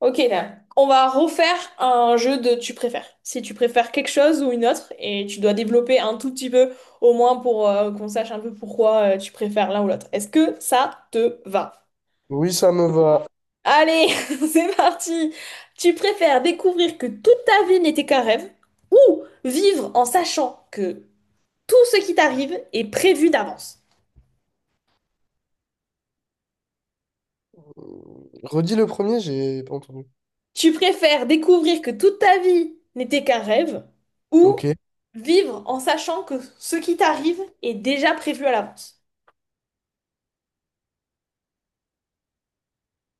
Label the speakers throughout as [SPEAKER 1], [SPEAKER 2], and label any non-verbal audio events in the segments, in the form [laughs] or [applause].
[SPEAKER 1] Ok, là. On va refaire un jeu de tu préfères. Si tu préfères quelque chose ou une autre, et tu dois développer un tout petit peu, au moins pour qu'on sache un peu pourquoi tu préfères l'un ou l'autre. Est-ce que ça te va?
[SPEAKER 2] Oui, ça me va.
[SPEAKER 1] Allez, [laughs] c'est parti! Tu préfères découvrir que toute ta vie n'était qu'un rêve, ou vivre en sachant que tout ce qui t'arrive est prévu d'avance?
[SPEAKER 2] Redis le premier, j'ai pas entendu.
[SPEAKER 1] Tu préfères découvrir que toute ta vie n'était qu'un rêve ou
[SPEAKER 2] Ok.
[SPEAKER 1] vivre en sachant que ce qui t'arrive est déjà prévu à l'avance?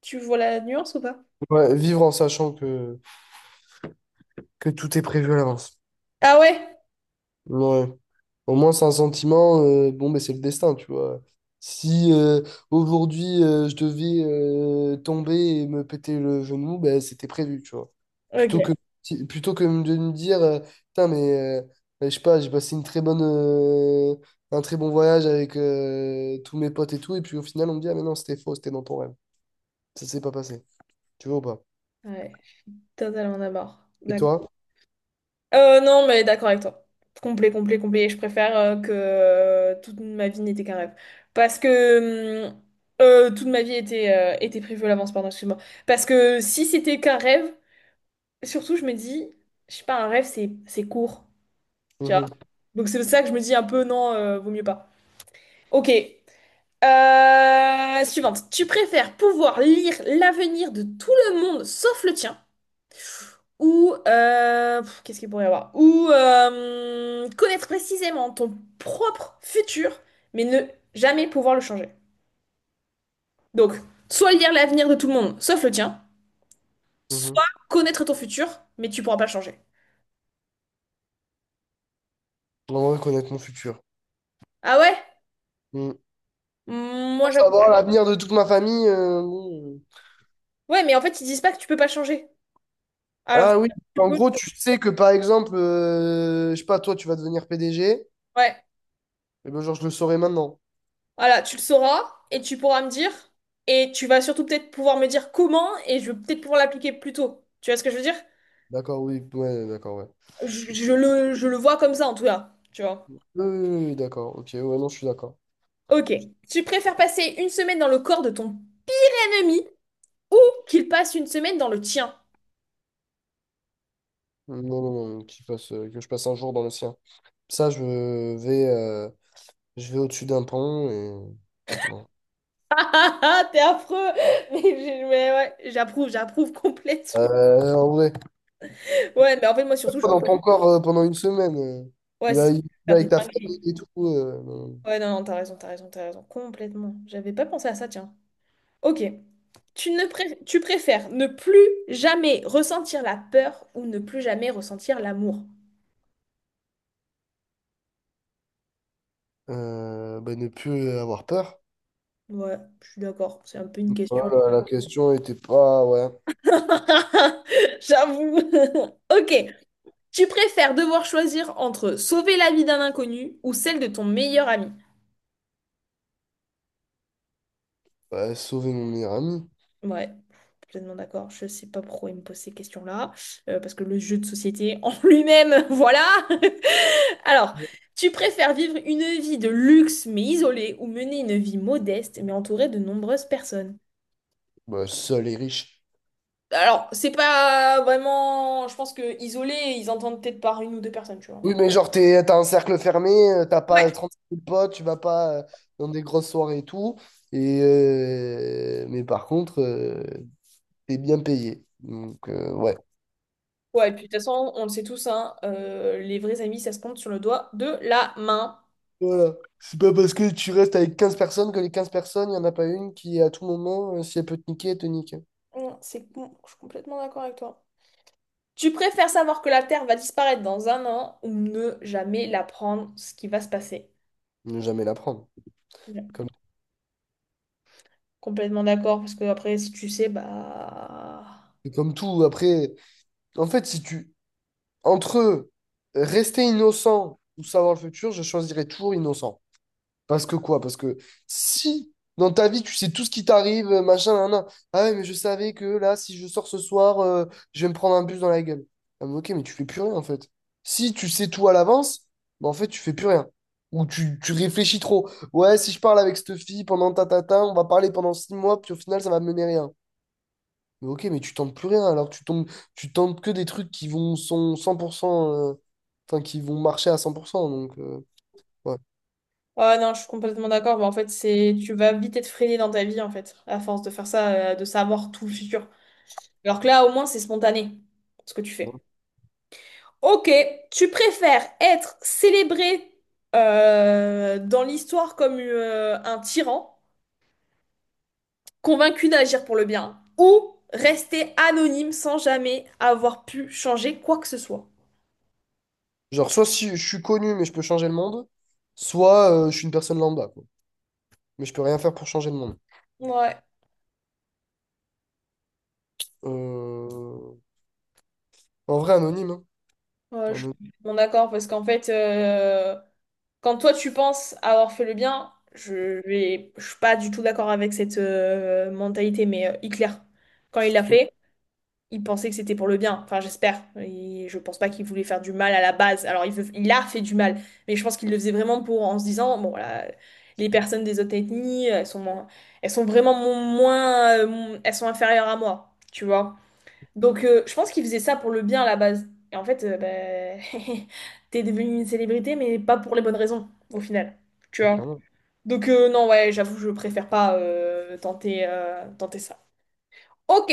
[SPEAKER 1] Tu vois la nuance ou pas?
[SPEAKER 2] Ouais, vivre en sachant que tout est prévu à l'avance.
[SPEAKER 1] Ah ouais?
[SPEAKER 2] Ouais. Au moins, c'est un sentiment, bon, mais c'est le destin, tu vois. Si aujourd'hui, je devais tomber et me péter le genou, ben, c'était prévu, tu vois.
[SPEAKER 1] Ok.
[SPEAKER 2] Plutôt que, si- Plutôt que de me dire, putain, mais ben, je sais pas, j'ai passé une un très bon voyage avec tous mes potes et tout, et puis au final, on me dit, ah, mais non, c'était faux, c'était dans ton rêve. Ça s'est pas passé. Tu vois ou pas?
[SPEAKER 1] Ouais, je suis totalement d'accord.
[SPEAKER 2] Et
[SPEAKER 1] D'accord.
[SPEAKER 2] toi?
[SPEAKER 1] Non, mais d'accord avec toi. Complet, complet, complet. Je préfère que toute ma vie n'était qu'un rêve. Parce que toute ma vie était, était prévue à l'avance, pardon, excuse-moi. Parce que si c'était qu'un rêve, surtout, je me dis, je sais pas, un rêve, c'est court. Tu vois.
[SPEAKER 2] Mhm,
[SPEAKER 1] Donc c'est ça que je me dis un peu, non, vaut mieux pas. Ok. Suivante. Tu préfères pouvoir lire l'avenir de tout le monde sauf le tien ou qu'est-ce qu'il pourrait y avoir? Ou connaître précisément ton propre futur mais ne jamais pouvoir le changer. Donc, soit lire l'avenir de tout le monde sauf le tien, soit
[SPEAKER 2] mhm.
[SPEAKER 1] connaître ton futur mais tu pourras pas le changer.
[SPEAKER 2] J'aimerais connaître mon futur.
[SPEAKER 1] Ah ouais?
[SPEAKER 2] Mhm.
[SPEAKER 1] Moi
[SPEAKER 2] Pour
[SPEAKER 1] j'avoue.
[SPEAKER 2] savoir l'avenir de toute ma famille.
[SPEAKER 1] Ouais, mais en fait ils disent pas que tu peux pas changer. Alors,
[SPEAKER 2] Ah oui.
[SPEAKER 1] tu
[SPEAKER 2] En
[SPEAKER 1] peux.
[SPEAKER 2] gros, tu sais que par exemple, je sais pas, toi, tu vas devenir PDG.
[SPEAKER 1] Ouais.
[SPEAKER 2] Et ben, genre, je le saurais maintenant.
[SPEAKER 1] Voilà, tu le sauras et tu pourras me dire. Et tu vas surtout peut-être pouvoir me dire comment et je vais peut-être pouvoir l'appliquer plus tôt. Tu vois ce que je veux dire?
[SPEAKER 2] D'accord, oui. Ouais, d'accord, ouais.
[SPEAKER 1] Je le vois comme ça en tout cas. Tu vois?
[SPEAKER 2] Oui, oui, oui, oui, d'accord. Ok, ouais, non, je suis d'accord.
[SPEAKER 1] Ok. Tu préfères passer une semaine dans le corps de ton ennemi ou qu'il passe une semaine dans le tien?
[SPEAKER 2] Non, non, non, qu'il passe, que je passe un jour dans le sien. Ça, je vais, euh, je vais au-dessus d'un pont et. Bon.
[SPEAKER 1] Ah [laughs] ah, t'es affreux! [laughs] Mais, mais ouais, j'approuve, j'approuve [laughs] complètement.
[SPEAKER 2] En vrai.
[SPEAKER 1] Ouais, mais en fait, moi surtout, je
[SPEAKER 2] Pas
[SPEAKER 1] veux
[SPEAKER 2] dans
[SPEAKER 1] pas-
[SPEAKER 2] ton corps pendant une semaine.
[SPEAKER 1] ouais,
[SPEAKER 2] Tu
[SPEAKER 1] c'est
[SPEAKER 2] vas tu vas
[SPEAKER 1] faire des
[SPEAKER 2] avec ta
[SPEAKER 1] dingueries.
[SPEAKER 2] famille et tout. Non.
[SPEAKER 1] Ouais, non, non, t'as raison, t'as raison, t'as raison. Complètement. J'avais pas pensé à ça, tiens. Ok. Tu préfères ne plus jamais ressentir la peur ou ne plus jamais ressentir l'amour?
[SPEAKER 2] Bah, ne plus avoir peur.
[SPEAKER 1] Ouais, je suis d'accord, c'est un peu une question.
[SPEAKER 2] Voilà, la question était pas, ouais.
[SPEAKER 1] [laughs] J'avoue. [laughs] Ok. Tu préfères devoir choisir entre sauver la vie d'un inconnu ou celle de ton meilleur ami?
[SPEAKER 2] Bah, sauver mon meilleur ami.
[SPEAKER 1] Ouais, complètement d'accord. Je sais pas pourquoi il me pose ces questions-là, parce que le jeu de société en [laughs] lui-même, voilà. [laughs] Alors, tu préfères vivre une vie de luxe mais isolée ou mener une vie modeste mais entourée de nombreuses personnes?
[SPEAKER 2] Bah, seul et riche.
[SPEAKER 1] Alors, c'est pas vraiment, je pense que isolé, ils entendent peut-être par une ou deux personnes, tu vois.
[SPEAKER 2] Oui, mais genre, t'as un cercle fermé, t'as
[SPEAKER 1] Ouais.
[SPEAKER 2] pas 35 000 potes, tu vas pas dans des grosses soirées et tout. Et, mais par contre, t'es bien payé. Donc, ouais.
[SPEAKER 1] Ouais, et puis de toute façon, on le sait tous, hein, les vrais amis, ça se compte sur le doigt de la main.
[SPEAKER 2] Voilà. C'est pas parce que tu restes avec 15 personnes que les 15 personnes, il n'y en a pas une qui, à tout moment, si elle peut te niquer, elle te nique.
[SPEAKER 1] Non, c'est bon, je suis complètement d'accord avec toi. Tu préfères savoir que la Terre va disparaître dans un an ou ne jamais l'apprendre ce qui va se passer?
[SPEAKER 2] Ne jamais la prendre.
[SPEAKER 1] Ouais.
[SPEAKER 2] Comme,
[SPEAKER 1] Complètement d'accord, parce que après, si tu sais, bah...
[SPEAKER 2] c'est comme tout. Après, en fait, si tu. Entre rester innocent ou savoir le futur, je choisirais toujours innocent. Parce que quoi? Parce que si dans ta vie tu sais tout ce qui t'arrive, machin, nan, nan. Ah ouais, mais je savais que là, si je sors ce soir, je vais me prendre un bus dans la gueule. Ah, mais ok, mais tu fais plus rien en fait. Si tu sais tout à l'avance, bah, en fait, tu fais plus rien. Ou tu réfléchis trop. Ouais, si je parle avec cette fille pendant on va parler pendant 6 mois, puis au final, ça va mener rien. Mais ok, mais tu tentes plus rien, alors tu tombes, tu tentes que des trucs qui vont sont cent pour enfin, qui vont marcher à 100%. Donc,
[SPEAKER 1] Ouais, non, je suis complètement d'accord. Bah, en fait, c'est... Tu vas vite être freiné dans ta vie, en fait, à force de faire ça, de savoir tout le futur. Alors que là, au moins, c'est spontané, ce que tu
[SPEAKER 2] ouais.
[SPEAKER 1] fais. Ok, tu préfères être célébré dans l'histoire comme un tyran, convaincu d'agir pour le bien, ou rester anonyme sans jamais avoir pu changer quoi que ce soit.
[SPEAKER 2] Genre, soit si je suis connu, mais je peux changer le monde, soit je suis une personne lambda, quoi. Mais je peux rien faire pour changer le monde.
[SPEAKER 1] Ouais,
[SPEAKER 2] Euh, anonyme, hein.
[SPEAKER 1] ouais, je suis
[SPEAKER 2] Anonyme,
[SPEAKER 1] bon d'accord, parce qu'en fait, quand toi tu penses avoir fait le bien, je suis pas du tout d'accord avec cette mentalité, mais Hitler, quand il l'a fait, il pensait que c'était pour le bien. Enfin, j'espère. Et je pense pas qu'il voulait faire du mal à la base. Alors, il a fait du mal, mais je pense qu'il le faisait vraiment pour en se disant, bon, voilà, les personnes des autres ethnies, elles sont, moins- elles sont vraiment mo- moins, mon- elles sont inférieures à moi, tu vois. Donc, je pense qu'il faisait ça pour le bien à la base. Et en fait, ben, [laughs] t'es devenu une célébrité, mais pas pour les bonnes raisons, au final, tu
[SPEAKER 2] mais
[SPEAKER 1] vois.
[SPEAKER 2] clairement.
[SPEAKER 1] Donc, non, ouais, j'avoue, je préfère pas tenter ça. Ok.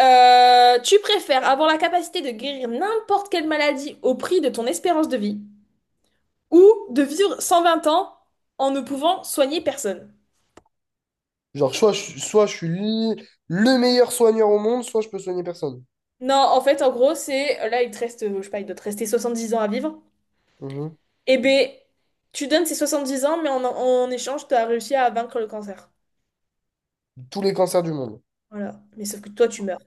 [SPEAKER 1] Tu préfères avoir la capacité de guérir n'importe quelle maladie au prix de ton espérance de vie ou de vivre 120 ans en ne pouvant soigner personne?
[SPEAKER 2] Genre, soit je suis le meilleur soigneur au monde, soit je peux soigner personne.
[SPEAKER 1] Non, en fait, en gros, c'est là, il te reste, je sais pas, il doit te rester 10 ans à vivre.
[SPEAKER 2] Mhm.
[SPEAKER 1] Eh ben, tu donnes ces 70 ans, mais en échange, tu as réussi à vaincre le cancer.
[SPEAKER 2] Tous les cancers du monde.
[SPEAKER 1] Voilà. Mais sauf que toi, tu meurs.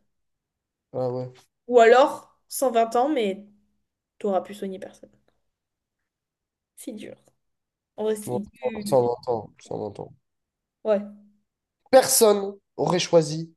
[SPEAKER 2] Ah ouais.
[SPEAKER 1] Ou alors, 120 ans, mais t'auras pu soigner personne. C'est dur. En vrai, c'est
[SPEAKER 2] Bon, ça, on
[SPEAKER 1] dur.
[SPEAKER 2] l'entend, ça, on l'entend.
[SPEAKER 1] Ouais.
[SPEAKER 2] Personne aurait choisi.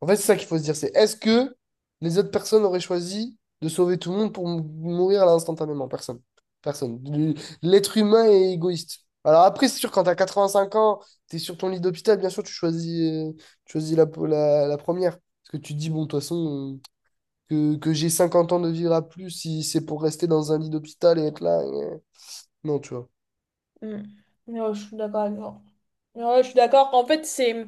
[SPEAKER 2] En fait, c'est ça qu'il faut se dire, c'est est-ce que les autres personnes auraient choisi de sauver tout le monde pour mourir là instantanément? Personne. Personne. L'être humain est égoïste. Alors après, c'est sûr, quand t'as 85 ans, t'es sur ton lit d'hôpital, bien sûr, tu choisis la première. Parce que tu te dis, bon, de toute façon, que j'ai 50 ans de vivre à plus, si c'est pour rester dans un lit d'hôpital et être là. Non, tu vois.
[SPEAKER 1] Mm. Non, je suis d'accord avec toi. Ouais, je suis d'accord. En fait, c'est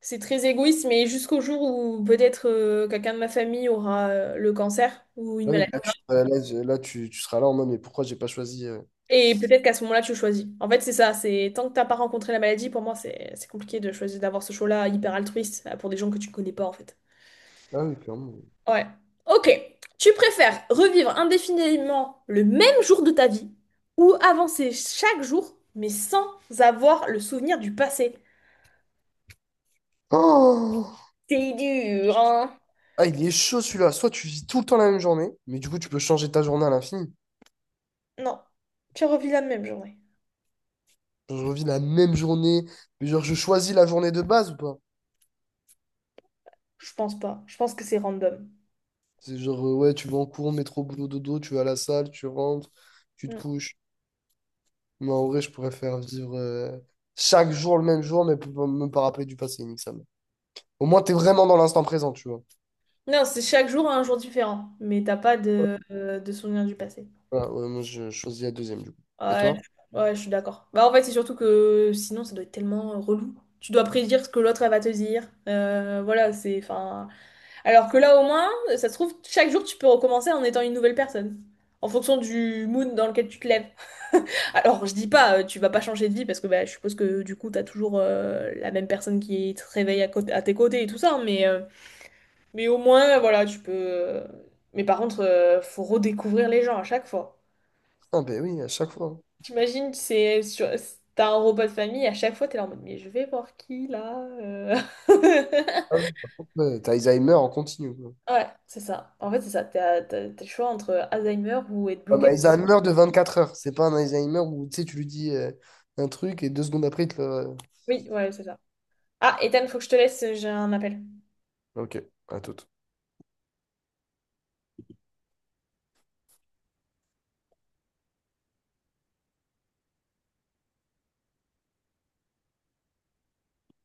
[SPEAKER 1] c'est très égoïste, mais jusqu'au jour où peut-être quelqu'un de ma famille aura le cancer ou une
[SPEAKER 2] Ah oui,
[SPEAKER 1] maladie.
[SPEAKER 2] là, tu, là, je- là, tu seras là en mode, mais pourquoi j'ai pas choisi.
[SPEAKER 1] Et peut-être qu'à ce moment-là, tu choisis. En fait, c'est ça. C'est tant que t'as pas rencontré la maladie, pour moi, c'est compliqué de choisir d'avoir ce choix-là hyper altruiste pour des gens que tu connais pas, en fait.
[SPEAKER 2] Ah oui, clairement.
[SPEAKER 1] Ouais. Ok. Tu préfères revivre indéfiniment le même jour de ta vie ou avancer chaque jour, mais sans avoir le souvenir du passé?
[SPEAKER 2] Oh!
[SPEAKER 1] C'est dur, hein?
[SPEAKER 2] Ah, il est chaud celui-là. Soit tu vis tout le temps la même journée, mais du coup, tu peux changer ta journée à l'infini.
[SPEAKER 1] Non. Tu revis la même journée.
[SPEAKER 2] Genre, je revis la même journée, mais genre, je choisis la journée de base ou pas?
[SPEAKER 1] Je pense pas. Je pense que c'est random.
[SPEAKER 2] C'est genre, ouais, tu vas en cours, métro, boulot, dodo, tu vas à la salle, tu rentres, tu te
[SPEAKER 1] Mm.
[SPEAKER 2] couches. Mais en vrai, je pourrais faire vivre chaque jour le même jour, mais pour me pas rappeler du passé, nique ça. Au moins, t'es vraiment dans l'instant présent, tu vois.
[SPEAKER 1] Non, c'est chaque jour un jour différent, mais t'as pas de, de souvenirs du passé.
[SPEAKER 2] Voilà, ouais, moi, je choisis la deuxième, du coup. Et
[SPEAKER 1] Ouais,
[SPEAKER 2] toi?
[SPEAKER 1] ouais, je suis d'accord. Bah en fait, c'est surtout que sinon, ça doit être tellement relou. Tu dois prédire ce que l'autre elle va te dire. Voilà, c'est enfin. Alors que là, au moins, ça se trouve, chaque jour, tu peux recommencer en étant une nouvelle personne, en fonction du mood dans lequel tu te lèves. [laughs] Alors, je dis pas, tu vas pas changer de vie parce que bah, je suppose que du coup, t'as toujours la même personne qui te réveille à, à tes côtés et tout ça, mais mais au moins, voilà, tu peux. Mais par contre, faut redécouvrir les gens à chaque fois.
[SPEAKER 2] Ah, ben oui, à chaque fois.
[SPEAKER 1] T'imagines, c'est sur... t'as un repas de famille, à chaque fois, t'es là en mode, mais je vais voir qui là [laughs]
[SPEAKER 2] Hein. Ouais, par contre, ouais, t'as Alzheimer en continu, quoi.
[SPEAKER 1] Ouais, c'est ça. En fait, c'est ça. T'as le choix entre Alzheimer ou être
[SPEAKER 2] Ouais, mais
[SPEAKER 1] bloqué.
[SPEAKER 2] Alzheimer de 24 heures. C'est pas un Alzheimer où tu sais, tu lui dis un truc et 2 secondes après, il te le.
[SPEAKER 1] Oui, ouais, c'est ça. Ah, Ethan, faut que je te laisse, j'ai un appel.
[SPEAKER 2] Ok, à tout.